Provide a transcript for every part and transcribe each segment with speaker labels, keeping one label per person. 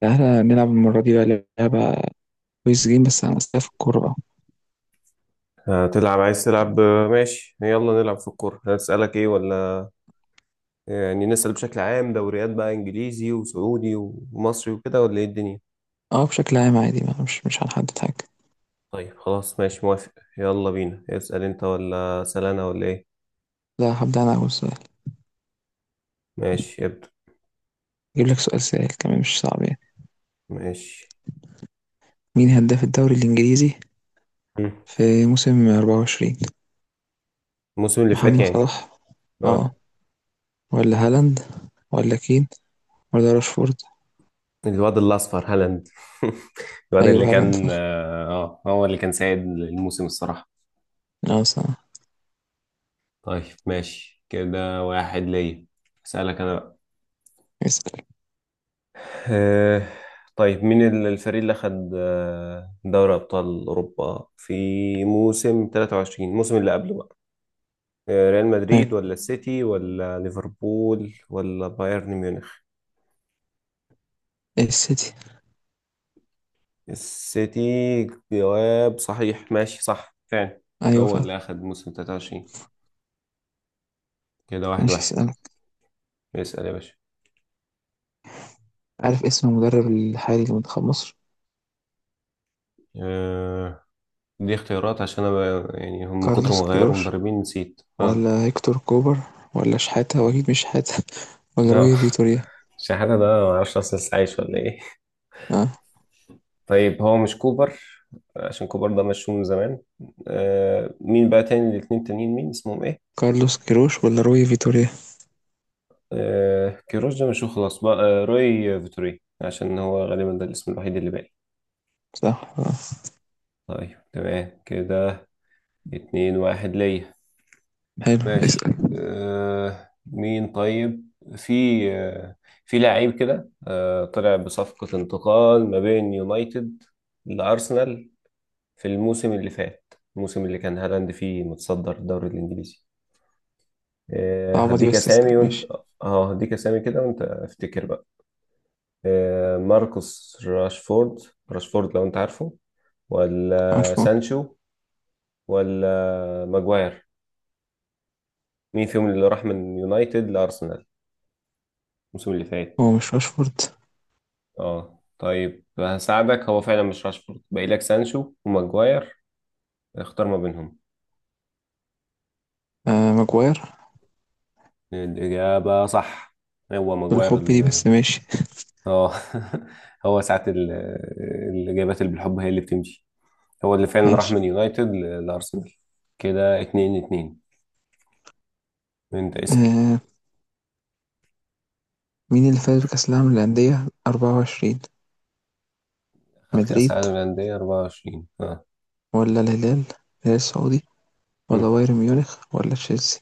Speaker 1: تعالى نلعب المرة دي بقى لعبة. كويس جيم بس عن أسئلة في الكورة بقى.
Speaker 2: هتلعب عايز تلعب ماشي يلا نلعب في الكورة. هسألك ايه ولا نسأل بشكل عام، دوريات بقى انجليزي وسعودي ومصري وكده ولا ايه الدنيا؟
Speaker 1: اه بشكل عام عادي بقى مش هنحدد حاجة.
Speaker 2: طيب خلاص ماشي موافق. يلا بينا، اسأل انت ولا أسأل انا ولا ايه؟
Speaker 1: لا هبدأ أنا أول سؤال.
Speaker 2: ماشي ابدأ.
Speaker 1: أجيب لك سؤال سهل كمان مش صعب يعني.
Speaker 2: ماشي.
Speaker 1: مين هداف الدوري الإنجليزي
Speaker 2: مم.
Speaker 1: في موسم 24؟
Speaker 2: الموسم اللي فات
Speaker 1: محمد
Speaker 2: يعني.
Speaker 1: صلاح، اه،
Speaker 2: اه
Speaker 1: ولا هالاند، ولا كين، ولا راشفورد؟
Speaker 2: الواد الأصفر هالاند. الواد اللي
Speaker 1: أيوه هالاند فا،
Speaker 2: كان هو اللي كان سائد الموسم الصراحة.
Speaker 1: اه صح.
Speaker 2: طيب ماشي، كده واحد ليا. أسألك انا بقى.
Speaker 1: اسأل.
Speaker 2: آه، طيب مين الفريق اللي أخد دوري أبطال أوروبا في موسم 23، الموسم اللي قبله بقى؟ ريال
Speaker 1: حلو،
Speaker 2: مدريد ولا السيتي ولا ليفربول ولا بايرن ميونخ؟
Speaker 1: السيتي.
Speaker 2: السيتي، جواب صحيح، ماشي صح فعلا.
Speaker 1: أيوه
Speaker 2: هو
Speaker 1: فعلا.
Speaker 2: اللي أخد موسم 23. كده واحد
Speaker 1: ماشي
Speaker 2: واحد.
Speaker 1: اسألك،
Speaker 2: اسأل يا باشا.
Speaker 1: عارف اسم المدرب الحالي لمنتخب مصر؟
Speaker 2: آه، دي اختيارات عشان أنا يعني هم من كتر ما
Speaker 1: كارلوس
Speaker 2: غيروا
Speaker 1: كيروش
Speaker 2: مدربين نسيت. اه
Speaker 1: ولا هيكتور كوبر ولا شحاتة، واكيد مش شحاتة، ولا
Speaker 2: لا.
Speaker 1: روي فيتوريا؟
Speaker 2: شحاتة ده معرفش أصلا لسه عايش ولا إيه.
Speaker 1: اه
Speaker 2: طيب هو مش كوبر، عشان كوبر ده مشهور من زمان. آه مين بقى تاني الاتنين تانيين، مين اسمهم ايه؟
Speaker 1: كارلوس كيروش ولا روي فيتوريا.
Speaker 2: آه كيروش ده مشهور خلاص بقى. آه روي فيتوري، عشان هو غالبا ده الاسم الوحيد اللي باقي.
Speaker 1: صح آه.
Speaker 2: طيب تمام كده، اتنين واحد ليا.
Speaker 1: حلو
Speaker 2: ماشي
Speaker 1: اسأل.
Speaker 2: آه، مين طيب؟ في آه في لعيب كده، آه طلع بصفقة انتقال ما بين يونايتد لأرسنال في الموسم اللي فات، الموسم اللي كان هالاند فيه متصدر الدوري الإنجليزي.
Speaker 1: صعبة دي
Speaker 2: هديك
Speaker 1: بس اسأل
Speaker 2: اسامي وانت.
Speaker 1: ماشي.
Speaker 2: اه هديك اسامي كده وانت افتكر بقى. ماركوس راشفورد، راشفورد لو انت عارفه، ولا
Speaker 1: عارفه.
Speaker 2: سانشو، ولا ماجواير؟ مين فيهم اللي راح من يونايتد لارسنال الموسم اللي فات؟
Speaker 1: هو مش راشفورد.
Speaker 2: اه طيب هساعدك، هو فعلا مش راشفورد، باقي لك سانشو وماجواير. اختار ما بينهم.
Speaker 1: آه ماجواير.
Speaker 2: الاجابه صح. هو ماجواير
Speaker 1: بالحب دي بس ماشي.
Speaker 2: اه. هو ساعات الاجابات اللي بالحب هي اللي بتمشي. هو اللي فعلا راح
Speaker 1: ماشي.
Speaker 2: من يونايتد لأرسنال. كده اتنين اتنين، انت اسأل.
Speaker 1: آه، مين اللي فاز بكأس العالم للأندية 24؟
Speaker 2: خد كأس
Speaker 1: مدريد
Speaker 2: العالم للأندية 24. اه.
Speaker 1: ولا الهلال، الهلال السعودي، ولا
Speaker 2: مم.
Speaker 1: بايرن ميونخ ولا تشيلسي؟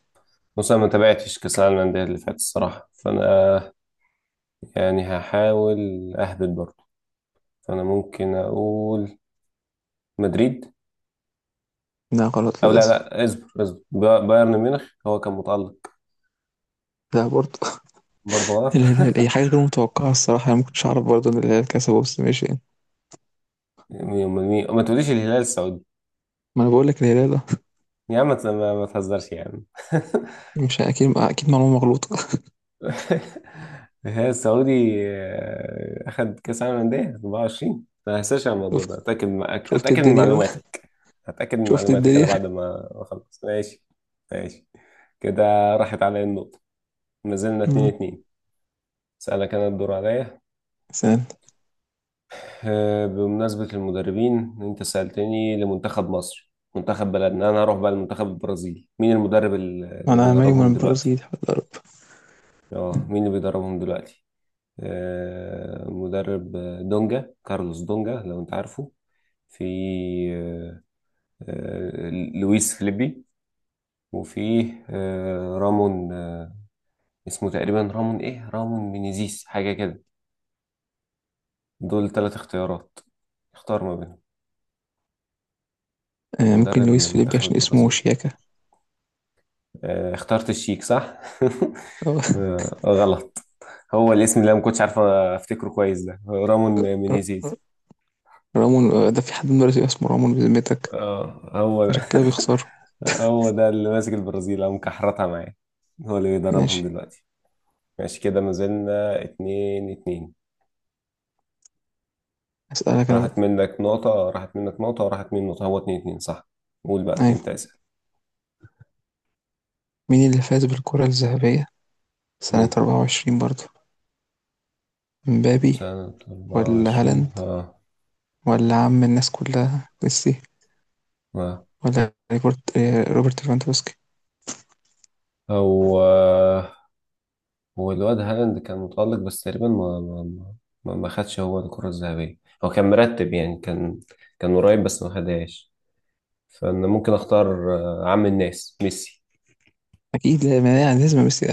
Speaker 2: بص أنا ما تابعتش كأس العالم للأندية اللي فات الصراحة، فأنا يعني هحاول أهبط برضه. فأنا ممكن أقول مدريد.
Speaker 1: لا غلط
Speaker 2: أو لا
Speaker 1: للأسف.
Speaker 2: لا، اصبر اصبر، بايرن ميونخ هو كان متألق.
Speaker 1: لا برضه.
Speaker 2: برضه غلط.
Speaker 1: الهلال أي حاجة غير متوقعة الصراحة، أنا مكنتش أعرف برضه إن الهلال كسبه، بس ماشي يعني.
Speaker 2: ما تقوليش الهلال السعودي.
Speaker 1: ما أنا باقول لك الهلال.
Speaker 2: يا عم ما تهزرش يا عم.
Speaker 1: آه، مش أكيد أكيد معلومة مغلوطة.
Speaker 2: هي السعودي. أخد كأس عالم للأندية 24، ما هنساش على الموضوع ده.
Speaker 1: شُفت،
Speaker 2: أتأكد،
Speaker 1: شُفت
Speaker 2: أتأكد من
Speaker 1: الدنيا بقى،
Speaker 2: معلوماتك، أتأكد من
Speaker 1: شُفت
Speaker 2: معلوماتك أنا
Speaker 1: الدنيا.
Speaker 2: بعد ما أخلص. ماشي ماشي كده، راحت عليا النقطة. ما زلنا
Speaker 1: إمم،
Speaker 2: 2 2. أسألك أنا، الدور عليا.
Speaker 1: سهلة.
Speaker 2: بمناسبة المدربين، أنت سألتني لمنتخب مصر منتخب بلدنا، أنا هروح بقى لمنتخب البرازيل. مين المدرب اللي
Speaker 1: ما
Speaker 2: اللي
Speaker 1: أنا عمال من
Speaker 2: بيدربهم دلوقتي؟
Speaker 1: البرازيل، حول الله يا رب.
Speaker 2: أه مين اللي بيدربهم دلوقتي؟ مدرب، دونجا، كارلوس دونجا لو انت عارفه. في آه، لويس فليبي. وفي آه، رامون اسمه تقريبا رامون ايه، رامون مينيزيس حاجة كده. دول ثلاث اختيارات، اختار ما بينهم.
Speaker 1: ممكن
Speaker 2: مدرب
Speaker 1: لويس فليبي
Speaker 2: لمنتخب
Speaker 1: عشان اسمه
Speaker 2: البرازيل.
Speaker 1: شياكة.
Speaker 2: اخترت الشيك صح؟
Speaker 1: آه.
Speaker 2: غلط. هو الاسم اللي انا ما كنتش عارف افتكره كويس ده رامون
Speaker 1: ر ر
Speaker 2: مينيزيز.
Speaker 1: رامون، ده في حد من البرازيل اسمه رامون بذمتك؟
Speaker 2: اه هو ده.
Speaker 1: عشان كده بيخسروا.
Speaker 2: هو ده اللي ماسك البرازيل او مكحرتها معاه، هو اللي بيدربهم
Speaker 1: ماشي.
Speaker 2: دلوقتي. ماشي كده، ما زلنا اتنين اتنين.
Speaker 1: هاسألك أنا بقى.
Speaker 2: راحت منك نقطة، راحت منك نقطة وراحت مني نقطة، هو اتنين اتنين صح. قول بقى،
Speaker 1: أيوه،
Speaker 2: انت اسأل.
Speaker 1: مين اللي فاز بالكرة الذهبية سنة
Speaker 2: مم.
Speaker 1: 24 برضه؟ إمبابي
Speaker 2: سنة أربعة
Speaker 1: والّا
Speaker 2: وعشرين،
Speaker 1: هالاند
Speaker 2: ها؟
Speaker 1: والّا عم الناس كلها ميسي،
Speaker 2: ها؟
Speaker 1: والّا روبرت روبرت ليفاندوفسكي؟
Speaker 2: هو هو الواد هالاند كان متألق، بس تقريبا ما خدش هو الكرة الذهبية. هو كان مرتب يعني، كان قريب بس ما خدهاش. فأنا ممكن أختار عم الناس ميسي.
Speaker 1: أكيد لا ما يعني لازم ميسي.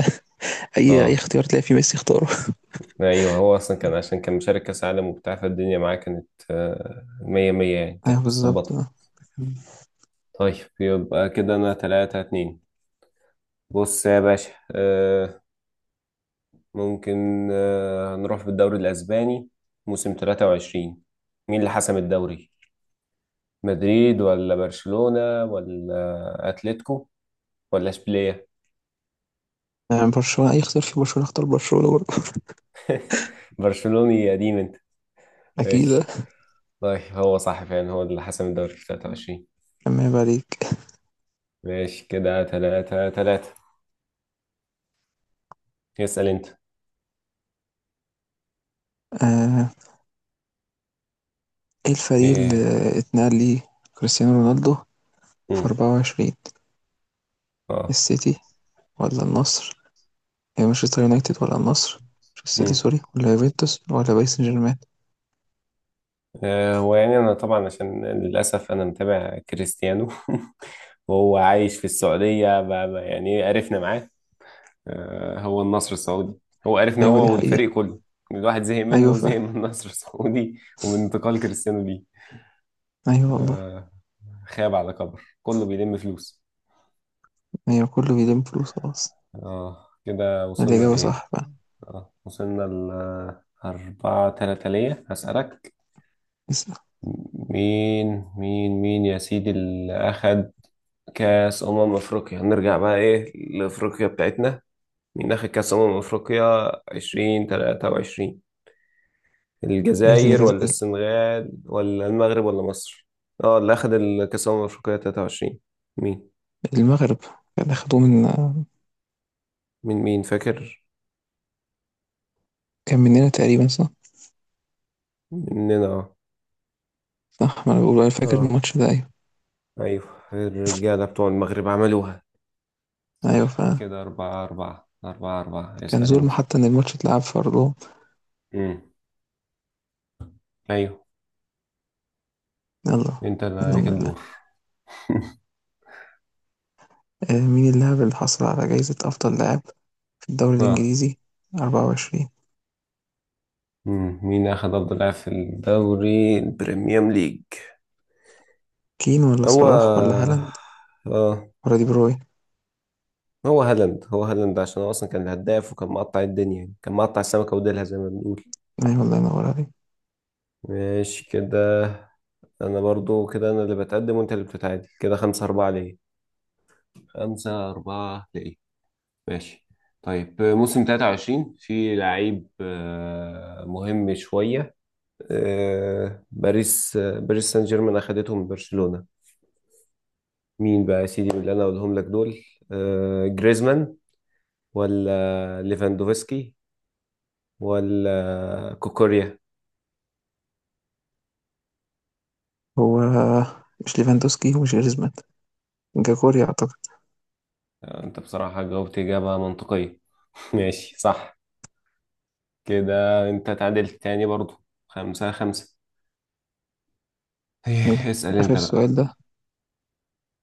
Speaker 1: اي اي
Speaker 2: اه
Speaker 1: اختيار تلاقي فيه ميسي اختاره.
Speaker 2: ايوه، هو اصلا كان عشان كان مشارك كاس عالم وبتاع، فالدنيا معاه كانت مية مية يعني كانت
Speaker 1: ايوه بالظبط
Speaker 2: متظبطة.
Speaker 1: آه.
Speaker 2: طيب يبقى كده انا تلاتة اتنين. بص يا باشا، آه، ممكن هنروح في الدوري الاسباني موسم تلاتة وعشرين. مين اللي حسم الدوري؟ مدريد ولا برشلونة ولا اتلتيكو ولا اشبيلية؟
Speaker 1: آه، برشلونة. اي اختيار فيه برشلونة اختار برشلونة برضه.
Speaker 2: برشلوني قديم انت.
Speaker 1: اكيد آه.
Speaker 2: ماشي. طيب هو صح فعلا، هو اللي حسم الدوري في 23.
Speaker 1: اما يبقى عليك.
Speaker 2: ماشي كده تلاتة تلاتة. يسأل انت.
Speaker 1: آه، ايه الفريق
Speaker 2: ايه؟
Speaker 1: اللي اتنقل ليه كريستيانو رونالدو في
Speaker 2: امم.
Speaker 1: 24؟
Speaker 2: اه.
Speaker 1: السيتي ولا النصر، يعني مانشستر يونايتد ولا النصر، مش السيتي
Speaker 2: امم.
Speaker 1: سوري، ولا يوفنتوس ولا باريس سان جيرمان؟
Speaker 2: هو يعني انا طبعا عشان للاسف انا متابع كريستيانو. وهو عايش في السعوديه، يعني عرفنا معاه. هو النصر السعودي. هو عرفنا،
Speaker 1: ايوه دي
Speaker 2: هو
Speaker 1: حقيقة.
Speaker 2: والفريق كله. الواحد زهق منه
Speaker 1: ايوه فا،
Speaker 2: وزهق من النصر السعودي ومن انتقال كريستيانو ليه.
Speaker 1: ايوه والله.
Speaker 2: آه، خاب على كبر، كله بيلم فلوس.
Speaker 1: ايوه كله بيلم فلوس خلاص.
Speaker 2: اه كده وصلنا
Speaker 1: الاجابة
Speaker 2: لايه؟
Speaker 1: صح فا.
Speaker 2: اه وصلنا ل أربعة تلاتة ليا. هسألك.
Speaker 1: اسأل.
Speaker 2: مين يا سيدي اللي أخد كاس أمم أفريقيا؟ هنرجع بقى إيه لأفريقيا بتاعتنا. مين أخد كاس أمم أفريقيا 2023؟
Speaker 1: إيه اللي
Speaker 2: الجزائر
Speaker 1: جز-،
Speaker 2: ولا السنغال ولا المغرب ولا مصر؟ اه اللي أخد الكاس أمم أفريقيا 23، مين؟
Speaker 1: المغرب. كان اخدوه من،
Speaker 2: مين فاكر.
Speaker 1: كان مننا تقريبا صح.
Speaker 2: مننا، اه.
Speaker 1: صح، ما أنا باقول أنا فاكر
Speaker 2: اه
Speaker 1: الماتش ده، أيوه.
Speaker 2: أيوه. الرجالة بتوع المغرب عملوها.
Speaker 1: أيوه
Speaker 2: صح
Speaker 1: فعلًا،
Speaker 2: كده، أربعة أربعة أربعة أربعة.
Speaker 1: كان
Speaker 2: اسأل
Speaker 1: ظلم
Speaker 2: أنت.
Speaker 1: حتى إن الماتش اتلعب في أرضهم.
Speaker 2: امم. أيوه،
Speaker 1: يالّا،
Speaker 2: أنت اللي عليك
Speaker 1: منهم لله.
Speaker 2: الدور.
Speaker 1: مين اللاعب اللي حصل على جايزة أفضل لاعب في الدوري
Speaker 2: اه
Speaker 1: الإنجليزي 24؟
Speaker 2: مم. مين أخذ أفضل لاعب في الدوري البريميوم ليج؟
Speaker 1: كين والّا
Speaker 2: هو
Speaker 1: صلاح والّا هالاند
Speaker 2: آه،
Speaker 1: والّا دي بروين؟
Speaker 2: هو هالاند. هو هالاند عشان هو أصلا كان الهداف وكان مقطع الدنيا، يعني كان مقطع السمكة وديلها زي ما بنقول.
Speaker 1: أيوه الله ينور عليك.
Speaker 2: ماشي كده. أنا برضو كده أنا اللي بتقدم وأنت اللي بتتعادل. كده خمسة أربعة ليه، خمسة أربعة ليه. ماشي. طيب موسم 23، في لعيب مهم شوية، باريس باريس سان جيرمان أخدته من برشلونة. مين بقى يا سيدي من اللي انا اقولهم لك دول؟ جريزمان، ولا ليفاندوفسكي، ولا كوكوريا؟
Speaker 1: هو مش ليفاندوفسكي ومش جريزمان، جاكوري أعتقد.
Speaker 2: انت بصراحة جاوبت إجابة منطقية. ماشي صح. كده انت تعادلت تاني برضو، خمسة خمسة.
Speaker 1: حلو،
Speaker 2: إيه، اسأل
Speaker 1: آخر
Speaker 2: انت
Speaker 1: سؤال
Speaker 2: بقى.
Speaker 1: ده.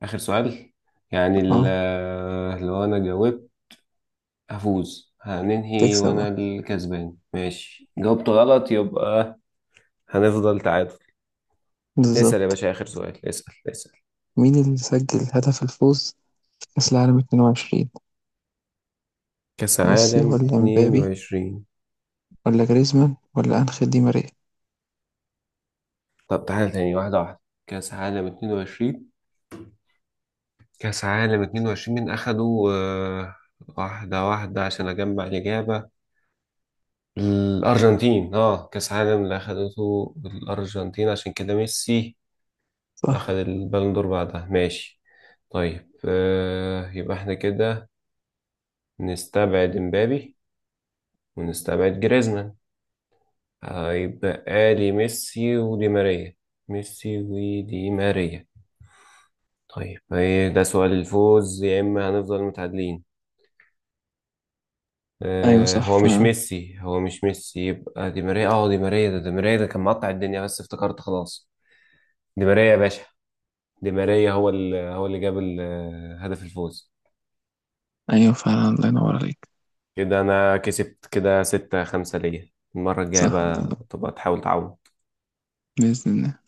Speaker 2: آخر سؤال. يعني
Speaker 1: آه،
Speaker 2: لو انا جاوبت هفوز، هننهي
Speaker 1: تكسب
Speaker 2: وانا
Speaker 1: آه،
Speaker 2: الكسبان. ماشي، جاوبت غلط يبقى هنفضل تعادل. اسأل يا
Speaker 1: بالضبط.
Speaker 2: باشا، آخر سؤال، اسأل.
Speaker 1: مين اللي سجل هدف الفوز في كأس العالم 22؟
Speaker 2: كأس
Speaker 1: ميسي
Speaker 2: العالم
Speaker 1: والّا امبابي
Speaker 2: 22.
Speaker 1: والّا جريزمان والّا أنخيل دي ماريا؟
Speaker 2: طب تعالى تاني، واحدة واحدة. كأس عالم 22، كأس عالم 22 مين أخده؟ واحدة واحدة عشان أجمع الإجابة. الأرجنتين، اه كأس عالم اللي أخدته الأرجنتين، عشان كده ميسي أخد
Speaker 1: صح.
Speaker 2: البالون دور بعدها ماشي. طيب آه، يبقى احنا كده نستبعد مبابي ونستبعد جريزمان، هيبقى لي ميسي ودي ماريا. ميسي ودي ماريا. طيب ايه ده سؤال الفوز، يا اما هنفضل متعادلين.
Speaker 1: ايوه
Speaker 2: آه
Speaker 1: صح
Speaker 2: هو مش
Speaker 1: فعلا.
Speaker 2: ميسي هو مش ميسي يبقى دي ماريا. اه دي ماريا ده، دي ماريا ده كان مقطع الدنيا بس افتكرت خلاص. دي ماريا يا باشا، دي ماريا هو اللي، هو اللي جاب هدف الفوز.
Speaker 1: ايوه فعلا الله ينور عليك.
Speaker 2: كده انا كسبت، كده ستة خمسة ليا. المرة الجاية
Speaker 1: صح الله
Speaker 2: بقى
Speaker 1: ينور،
Speaker 2: تبقى تحاول تعوض.
Speaker 1: بإذن الله.